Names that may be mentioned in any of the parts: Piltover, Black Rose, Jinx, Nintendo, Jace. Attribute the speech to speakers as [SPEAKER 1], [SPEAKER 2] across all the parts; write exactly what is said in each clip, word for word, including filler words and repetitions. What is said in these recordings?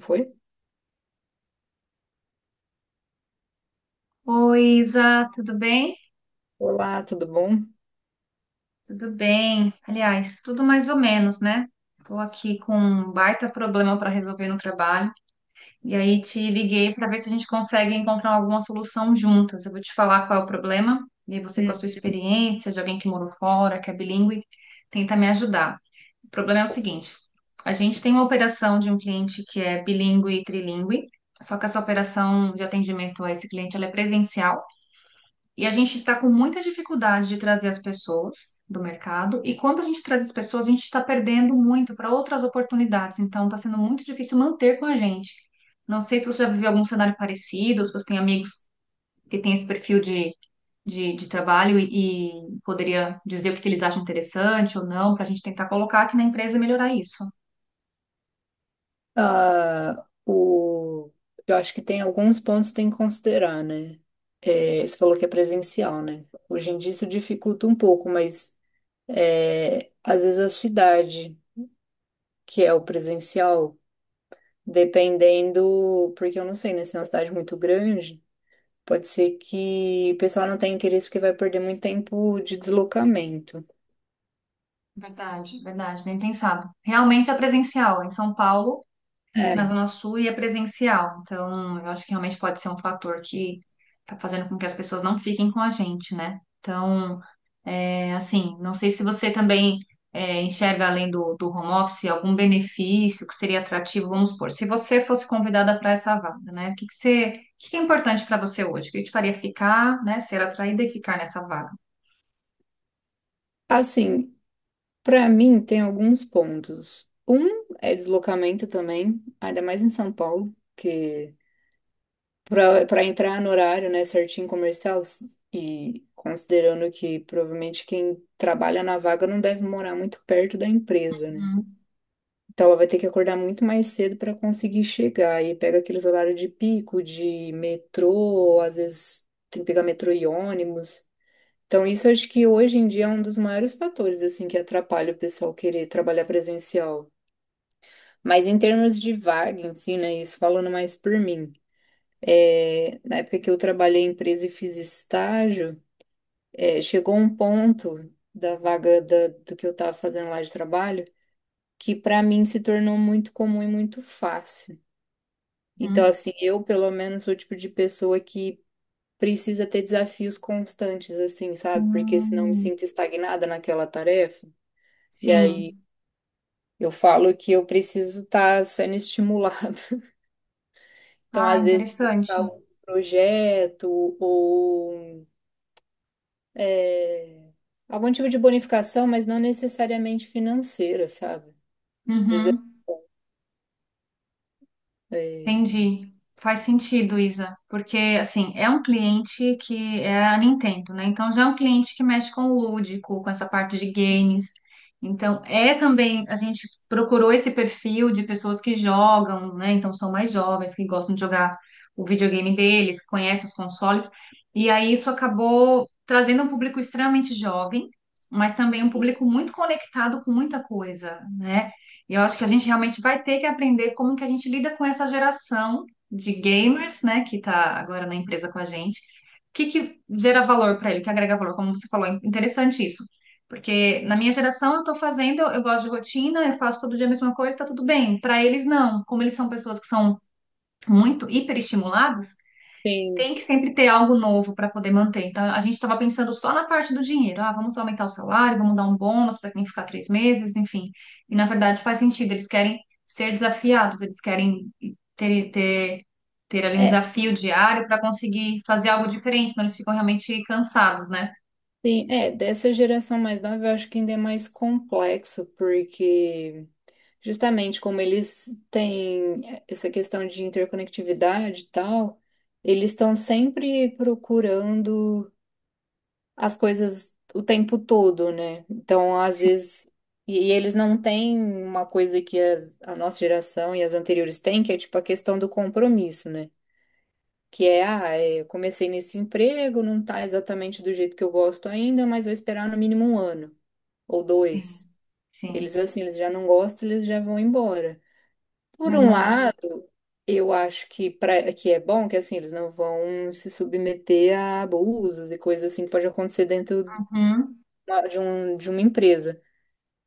[SPEAKER 1] Foi?
[SPEAKER 2] Oi, Isa, tudo bem?
[SPEAKER 1] Olá, tudo bom?
[SPEAKER 2] Tudo bem. Aliás, tudo mais ou menos, né? Estou aqui com um baita problema para resolver no trabalho e aí te liguei para ver se a gente consegue encontrar alguma solução juntas. Eu vou te falar qual é o problema e aí você, com a
[SPEAKER 1] Hum.
[SPEAKER 2] sua experiência de alguém que morou fora, que é bilíngue, tenta me ajudar. O problema é o seguinte: a gente tem uma operação de um cliente que é bilíngue e trilíngue, só que essa operação de atendimento a esse cliente ela é presencial. E a gente está com muita dificuldade de trazer as pessoas do mercado, e quando a gente traz as pessoas, a gente está perdendo muito para outras oportunidades, então está sendo muito difícil manter com a gente. Não sei se você já viveu algum cenário parecido, se você tem amigos que têm esse perfil de, de, de trabalho e, e poderia dizer o que que eles acham interessante ou não, para a gente tentar colocar aqui na empresa e melhorar isso.
[SPEAKER 1] Ah, o... eu acho que tem alguns pontos que tem que considerar, né? É, você falou que é presencial, né? Hoje em dia isso dificulta um pouco, mas é, às vezes a cidade, que é o presencial, dependendo, porque eu não sei, né? Se é uma cidade muito grande, pode ser que o pessoal não tenha interesse porque vai perder muito tempo de deslocamento.
[SPEAKER 2] Verdade, verdade, bem pensado. Realmente é presencial. Em São Paulo, na
[SPEAKER 1] É.
[SPEAKER 2] Zona Sul e é presencial. Então, eu acho que realmente pode ser um fator que tá fazendo com que as pessoas não fiquem com a gente, né? Então, é assim, não sei se você também é, enxerga além do, do home office algum benefício que seria atrativo, vamos supor, se você fosse convidada para essa vaga, né? O que que você, o que que é importante para você hoje? O que te faria ficar, né? Ser atraída e ficar nessa vaga?
[SPEAKER 1] Assim, para mim, tem alguns pontos. Um é deslocamento também, ainda mais em São Paulo, que para para entrar no horário, né, certinho comercial, s- e considerando que provavelmente quem trabalha na vaga não deve morar muito perto da empresa, né? Então ela vai ter que acordar muito mais cedo para conseguir chegar. E pega aqueles horários de pico, de metrô, às vezes tem que pegar metrô e ônibus. Então, isso eu acho que hoje em dia é um dos maiores fatores, assim, que atrapalha o pessoal querer trabalhar presencial. Mas em termos de vaga em si, né, isso falando mais por mim, é, na época que eu trabalhei em empresa e fiz estágio, é, chegou um ponto da vaga da- do que eu estava fazendo lá de trabalho que para mim se tornou muito comum e muito fácil. Então,
[SPEAKER 2] Uhum.
[SPEAKER 1] assim, eu pelo menos sou o tipo de pessoa que precisa ter desafios constantes, assim, sabe? Porque senão me
[SPEAKER 2] Hum,
[SPEAKER 1] sinto estagnada naquela tarefa. E aí
[SPEAKER 2] sim.
[SPEAKER 1] eu falo que eu preciso estar sendo estimulada. Então,
[SPEAKER 2] Ah,
[SPEAKER 1] às vezes,
[SPEAKER 2] interessante.
[SPEAKER 1] algum projeto ou é, algum tipo de bonificação, mas não necessariamente financeira, sabe? Às vezes,
[SPEAKER 2] Uhum.
[SPEAKER 1] é,
[SPEAKER 2] Entendi. Faz sentido, Isa, porque assim, é um cliente que é a Nintendo, né? Então já é um cliente que mexe com o lúdico, com essa parte de games. Então é também, a gente procurou esse perfil de pessoas que jogam, né? Então são mais jovens, que gostam de jogar o videogame deles, que conhecem os consoles. E aí isso acabou trazendo um público extremamente jovem, mas também um
[SPEAKER 1] é,
[SPEAKER 2] público muito conectado com muita coisa, né? E eu acho que a gente realmente vai ter que aprender como que a gente lida com essa geração de gamers, né, que tá agora na empresa com a gente. O que que gera valor para ele, o que agrega valor, como você falou, é interessante isso. Porque na minha geração eu tô fazendo, eu, eu gosto de rotina, eu faço todo dia a mesma coisa, tá tudo bem. Para eles não, como eles são pessoas que são muito hiperestimuladas,
[SPEAKER 1] tem,
[SPEAKER 2] tem que sempre ter algo novo para poder manter. Então, a gente estava pensando só na parte do dinheiro. Ah, vamos aumentar o salário, vamos dar um bônus para quem ficar três meses, enfim. E na verdade faz sentido, eles querem ser desafiados, eles querem ter, ter, ter ali um
[SPEAKER 1] é,
[SPEAKER 2] desafio diário para conseguir fazer algo diferente, senão eles ficam realmente cansados, né?
[SPEAKER 1] tem, é, dessa geração mais nova, eu acho que ainda é mais complexo, porque justamente como eles têm essa questão de interconectividade e tal, eles estão sempre procurando. as coisas o tempo todo, né? Então, às
[SPEAKER 2] Sim,
[SPEAKER 1] vezes. E, e eles não têm uma coisa que a, a nossa geração e as anteriores têm, que é tipo a questão do compromisso, né? Que é, ah, é, eu comecei nesse emprego, não tá exatamente do jeito que eu gosto ainda, mas vou esperar no mínimo um ano ou
[SPEAKER 2] sim,
[SPEAKER 1] dois.
[SPEAKER 2] sim,
[SPEAKER 1] Eles, assim, eles já não gostam, eles já vão embora. Por um
[SPEAKER 2] verdade.
[SPEAKER 1] lado, eu acho que, pra, que é bom que, assim, eles não vão se submeter a abusos e coisas assim que pode acontecer dentro
[SPEAKER 2] Uhum,
[SPEAKER 1] uma- hora de um, de uma empresa.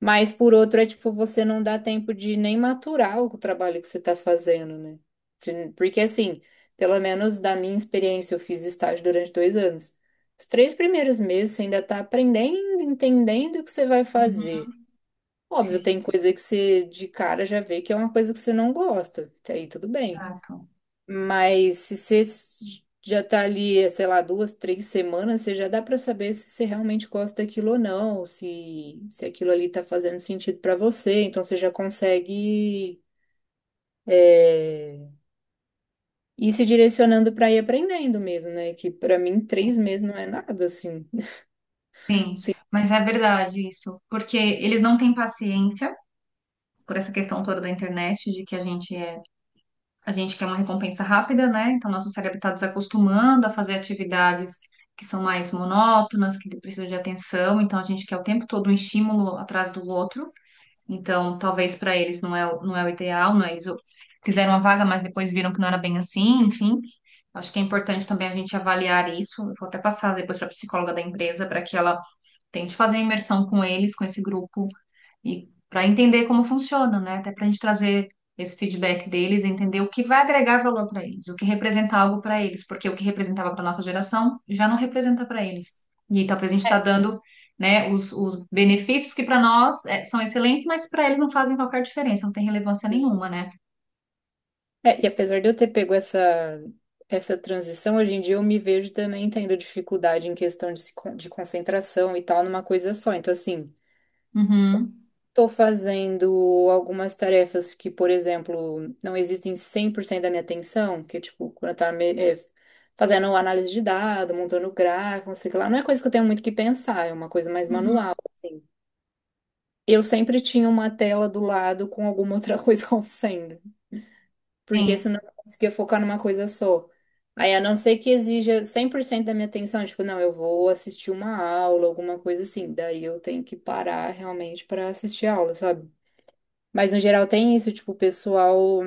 [SPEAKER 1] Mas por outro é tipo, você não dá tempo de nem maturar o trabalho que você está fazendo, né? Você- Porque assim, pelo menos da minha experiência, eu fiz estágio durante dois anos. Os três primeiros meses você ainda está aprendendo, entendendo o que você vai
[SPEAKER 2] uhum,
[SPEAKER 1] fazer. Óbvio,
[SPEAKER 2] sim,
[SPEAKER 1] tem coisa que você de cara já vê que é uma coisa que você não gosta. Até aí tudo bem.
[SPEAKER 2] exato.
[SPEAKER 1] Mas se você já tá ali, sei lá, duas, três semanas, você já dá pra saber se você realmente gosta daquilo ou não, se, se aquilo ali tá fazendo sentido pra você. Então você já consegue é, ir se direcionando pra ir aprendendo mesmo, né? Que pra mim três meses não é nada, assim. Sim.
[SPEAKER 2] Mas é verdade isso, porque eles não têm paciência por essa questão toda da internet, de que a gente é A gente quer uma recompensa rápida, né? Então, nosso cérebro está desacostumando a fazer atividades que são mais monótonas, que precisam de atenção. Então, a gente quer o tempo todo um estímulo atrás do outro. Então, talvez para eles não é, o- não é o ideal, não é? Eles o- fizeram uma vaga, mas depois viram que não era bem assim, enfim. Acho que é importante também a gente avaliar isso. Eu vou até passar depois para a psicóloga da empresa para que ela tente fazer uma imersão com eles, com esse grupo e para entender como funciona, né? Até para a gente trazer esse feedback deles, entender o que vai agregar valor para eles, o que representa algo para eles, porque o que representava para nossa geração já não representa para eles. E aí, talvez a gente está
[SPEAKER 1] É,
[SPEAKER 2] dando, né, os, os benefícios que para nós é, são excelentes, mas para eles não fazem qualquer diferença, não tem relevância nenhuma,
[SPEAKER 1] sim.
[SPEAKER 2] né?
[SPEAKER 1] É, e apesar de eu ter pego essa, essa transição, hoje em dia eu me vejo também tendo dificuldade em questão de, se con- de concentração e tal numa coisa só. Então, assim.
[SPEAKER 2] Uhum,
[SPEAKER 1] Estou fazendo algumas tarefas que, por exemplo, não existem cem por cento da minha atenção, que, é tipo, quando eu tava me- eh, fazendo análise de dado, montando gráfico, não sei o que lá, não é coisa que eu tenho muito que pensar, é uma coisa mais
[SPEAKER 2] uhum,
[SPEAKER 1] manual, assim. Eu sempre tinha uma tela do lado com alguma outra coisa acontecendo, porque
[SPEAKER 2] sim,
[SPEAKER 1] senão eu não conseguia focar numa coisa só. Aí, a não ser que exija cem por cento da minha atenção, tipo, não, eu vou assistir uma aula, alguma coisa assim, daí eu tenho que parar realmente para assistir a aula, sabe? Mas no geral tem isso, tipo, o pessoal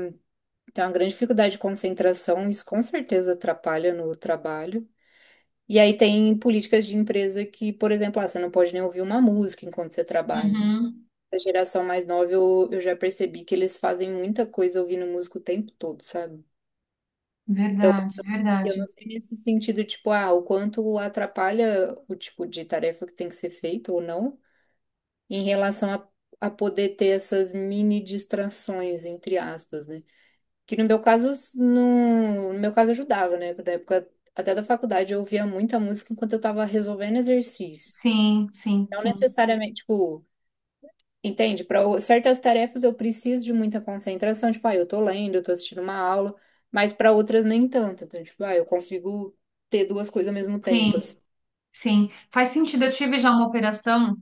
[SPEAKER 1] tem uma grande dificuldade de concentração, isso com certeza atrapalha no trabalho. E aí tem políticas de empresa que, por exemplo, ah, você não pode nem ouvir uma música enquanto você trabalha.
[SPEAKER 2] uhum,
[SPEAKER 1] A geração mais nova, eu, eu já percebi que eles fazem muita coisa ouvindo música o tempo todo, sabe?
[SPEAKER 2] verdade,
[SPEAKER 1] Eu não
[SPEAKER 2] verdade.
[SPEAKER 1] sei nesse sentido, tipo, ah, o quanto atrapalha o tipo de tarefa que tem que ser feita ou não, em relação a, a poder ter essas mini distrações, entre aspas, né? Que no meu caso, no, no meu caso ajudava, né? Da época até da faculdade eu ouvia muita música enquanto eu tava resolvendo exercício.
[SPEAKER 2] Sim, sim,
[SPEAKER 1] Não
[SPEAKER 2] sim,
[SPEAKER 1] necessariamente, tipo, entende? Para certas tarefas eu preciso de muita concentração, tipo, ah, eu tô lendo, eu tô assistindo uma aula, mas para outras nem tanto. Então, tipo, ah, eu consigo ter duas coisas ao mesmo tempo, assim.
[SPEAKER 2] sim, sim. Faz sentido. Eu tive já uma operação.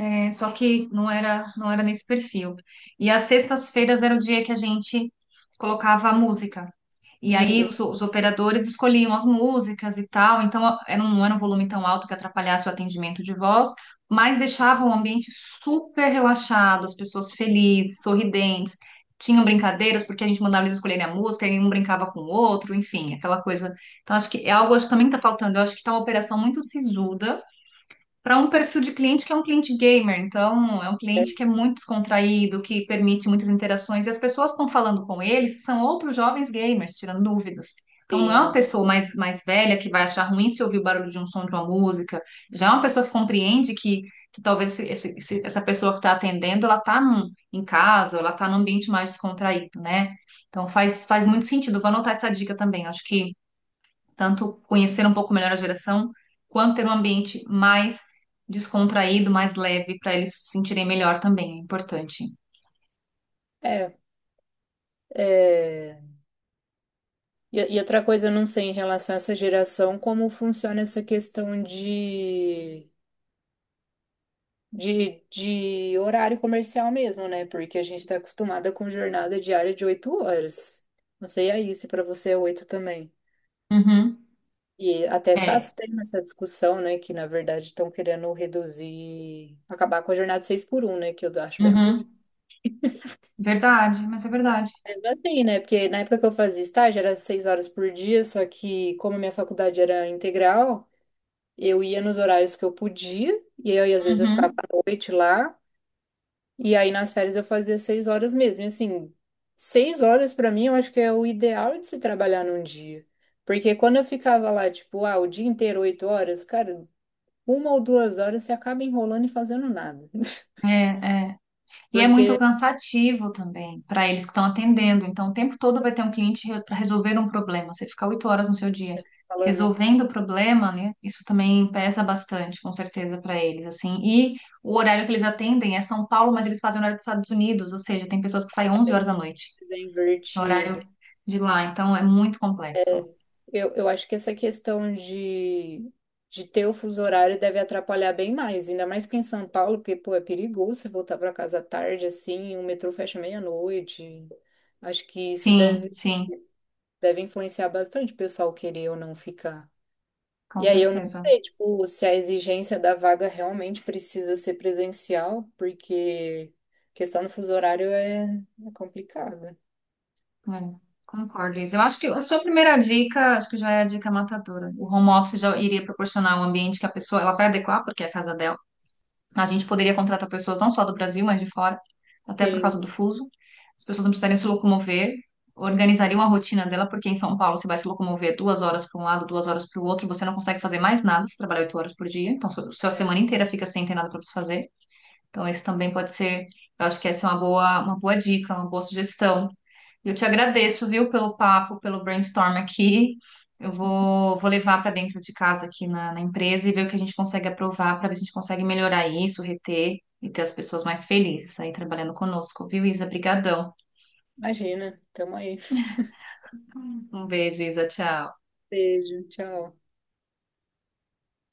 [SPEAKER 2] É, só que não era, não era nesse perfil. E as sextas-feiras era o dia que a gente colocava a música. E aí
[SPEAKER 1] Uhum,
[SPEAKER 2] os, os operadores escolhiam as músicas e tal, então a- era um, não era um volume tão alto que atrapalhasse o atendimento de voz, mas deixava o ambiente super relaxado, as pessoas felizes, sorridentes, tinham brincadeiras, porque a gente mandava eles escolherem a música, e um brincava com o outro, enfim, aquela coisa. Então acho que é algo acho que também está faltando, eu acho que está uma operação muito sisuda, para um perfil de cliente que é um cliente gamer, então é um cliente que é muito descontraído, que permite muitas interações, e as pessoas que estão falando com ele são outros jovens gamers, tirando dúvidas. Então não é uma
[SPEAKER 1] sim.
[SPEAKER 2] pessoa mais, mais velha que vai achar ruim se ouvir o barulho de um som de uma música, já é uma pessoa que compreende que, que talvez esse- esse- esse- essa pessoa que está atendendo, ela está em casa, ela está num ambiente mais descontraído, né? Então faz, faz muito sentido, vou anotar essa dica também, acho que tanto conhecer um pouco melhor a geração, quanto ter um ambiente mais descontraído, mais leve, para eles se sentirem melhor também, é importante.
[SPEAKER 1] É, é... E, e outra coisa, eu não sei em relação a essa geração, como funciona essa questão de de, de horário comercial mesmo, né? Porque a gente tá acostumada com jornada diária de oito horas. Não sei aí se para você é oito também.
[SPEAKER 2] Uhum,
[SPEAKER 1] E até tá
[SPEAKER 2] é,
[SPEAKER 1] se tendo essa discussão, né? Que na verdade estão querendo reduzir, acabar com a jornada seis por um, né? Que eu acho bem abusivo
[SPEAKER 2] uhum, verdade, mas é verdade.
[SPEAKER 1] assim, né? Porque na época que eu fazia estágio era seis horas por dia, só que como a minha faculdade era integral, eu ia nos horários que eu podia, e aí às vezes eu ficava
[SPEAKER 2] Uhum,
[SPEAKER 1] à noite lá. E aí nas férias eu fazia seis horas mesmo. E assim, seis horas pra mim eu acho que é o ideal de se trabalhar num dia. Porque quando eu ficava lá, tipo, ah, o dia inteiro, oito horas, cara, uma ou duas horas você acaba enrolando e fazendo nada.
[SPEAKER 2] é, é. E é
[SPEAKER 1] Porque,
[SPEAKER 2] muito cansativo também para eles que estão atendendo. Então, o tempo todo vai ter um cliente para resolver um problema. Você ficar oito horas no seu dia
[SPEAKER 1] falando,
[SPEAKER 2] resolvendo o problema, né? Isso também pesa bastante, com certeza, para eles, assim. E o horário que eles atendem é São Paulo, mas eles fazem o horário dos Estados Unidos, ou seja, tem pessoas que saem onze horas da noite,
[SPEAKER 1] coisa
[SPEAKER 2] que é o horário
[SPEAKER 1] invertida,
[SPEAKER 2] de lá. Então, é muito complexo.
[SPEAKER 1] eu, eu acho que essa questão de, de ter o fuso horário deve atrapalhar bem mais. Ainda mais que em São Paulo, porque, pô, é perigoso você voltar pra casa tarde, assim, o metrô fecha meia-noite. Acho que isso
[SPEAKER 2] Sim,
[SPEAKER 1] deve
[SPEAKER 2] sim,
[SPEAKER 1] deve influenciar bastante o pessoal querer ou não ficar.
[SPEAKER 2] com
[SPEAKER 1] E aí eu não
[SPEAKER 2] certeza.
[SPEAKER 1] sei, tipo, se a exigência da vaga realmente precisa ser presencial, porque questão do fuso horário é, é complicada.
[SPEAKER 2] É, concordo, Liz. Eu acho que a sua primeira dica, acho que já é a dica matadora. O home office já iria proporcionar um ambiente que a pessoa, ela vai adequar, porque é a casa dela. A gente poderia contratar pessoas não só do Brasil, mas de fora, até por causa
[SPEAKER 1] Sim,
[SPEAKER 2] do fuso. As pessoas não precisariam se locomover, organizariam a rotina dela, porque em São Paulo você vai se locomover duas horas para um lado, duas horas para o outro, você não consegue fazer mais nada se trabalhar oito horas por dia. Então, sua, sua semana inteira fica sem ter nada para você fazer. Então, isso também pode ser, eu acho que essa é uma boa, uma boa dica, uma boa sugestão. Eu te agradeço, viu, pelo papo, pelo brainstorm aqui. Eu vou, vou levar para dentro de casa aqui na, na empresa e ver o que a gente consegue aprovar para ver se a gente consegue melhorar isso, reter e ter as pessoas mais felizes aí trabalhando conosco, viu, Isa? Brigadão!
[SPEAKER 1] imagina. Tamo aí.
[SPEAKER 2] Um beijo, Isa. Tchau.
[SPEAKER 1] Beijo, tchau.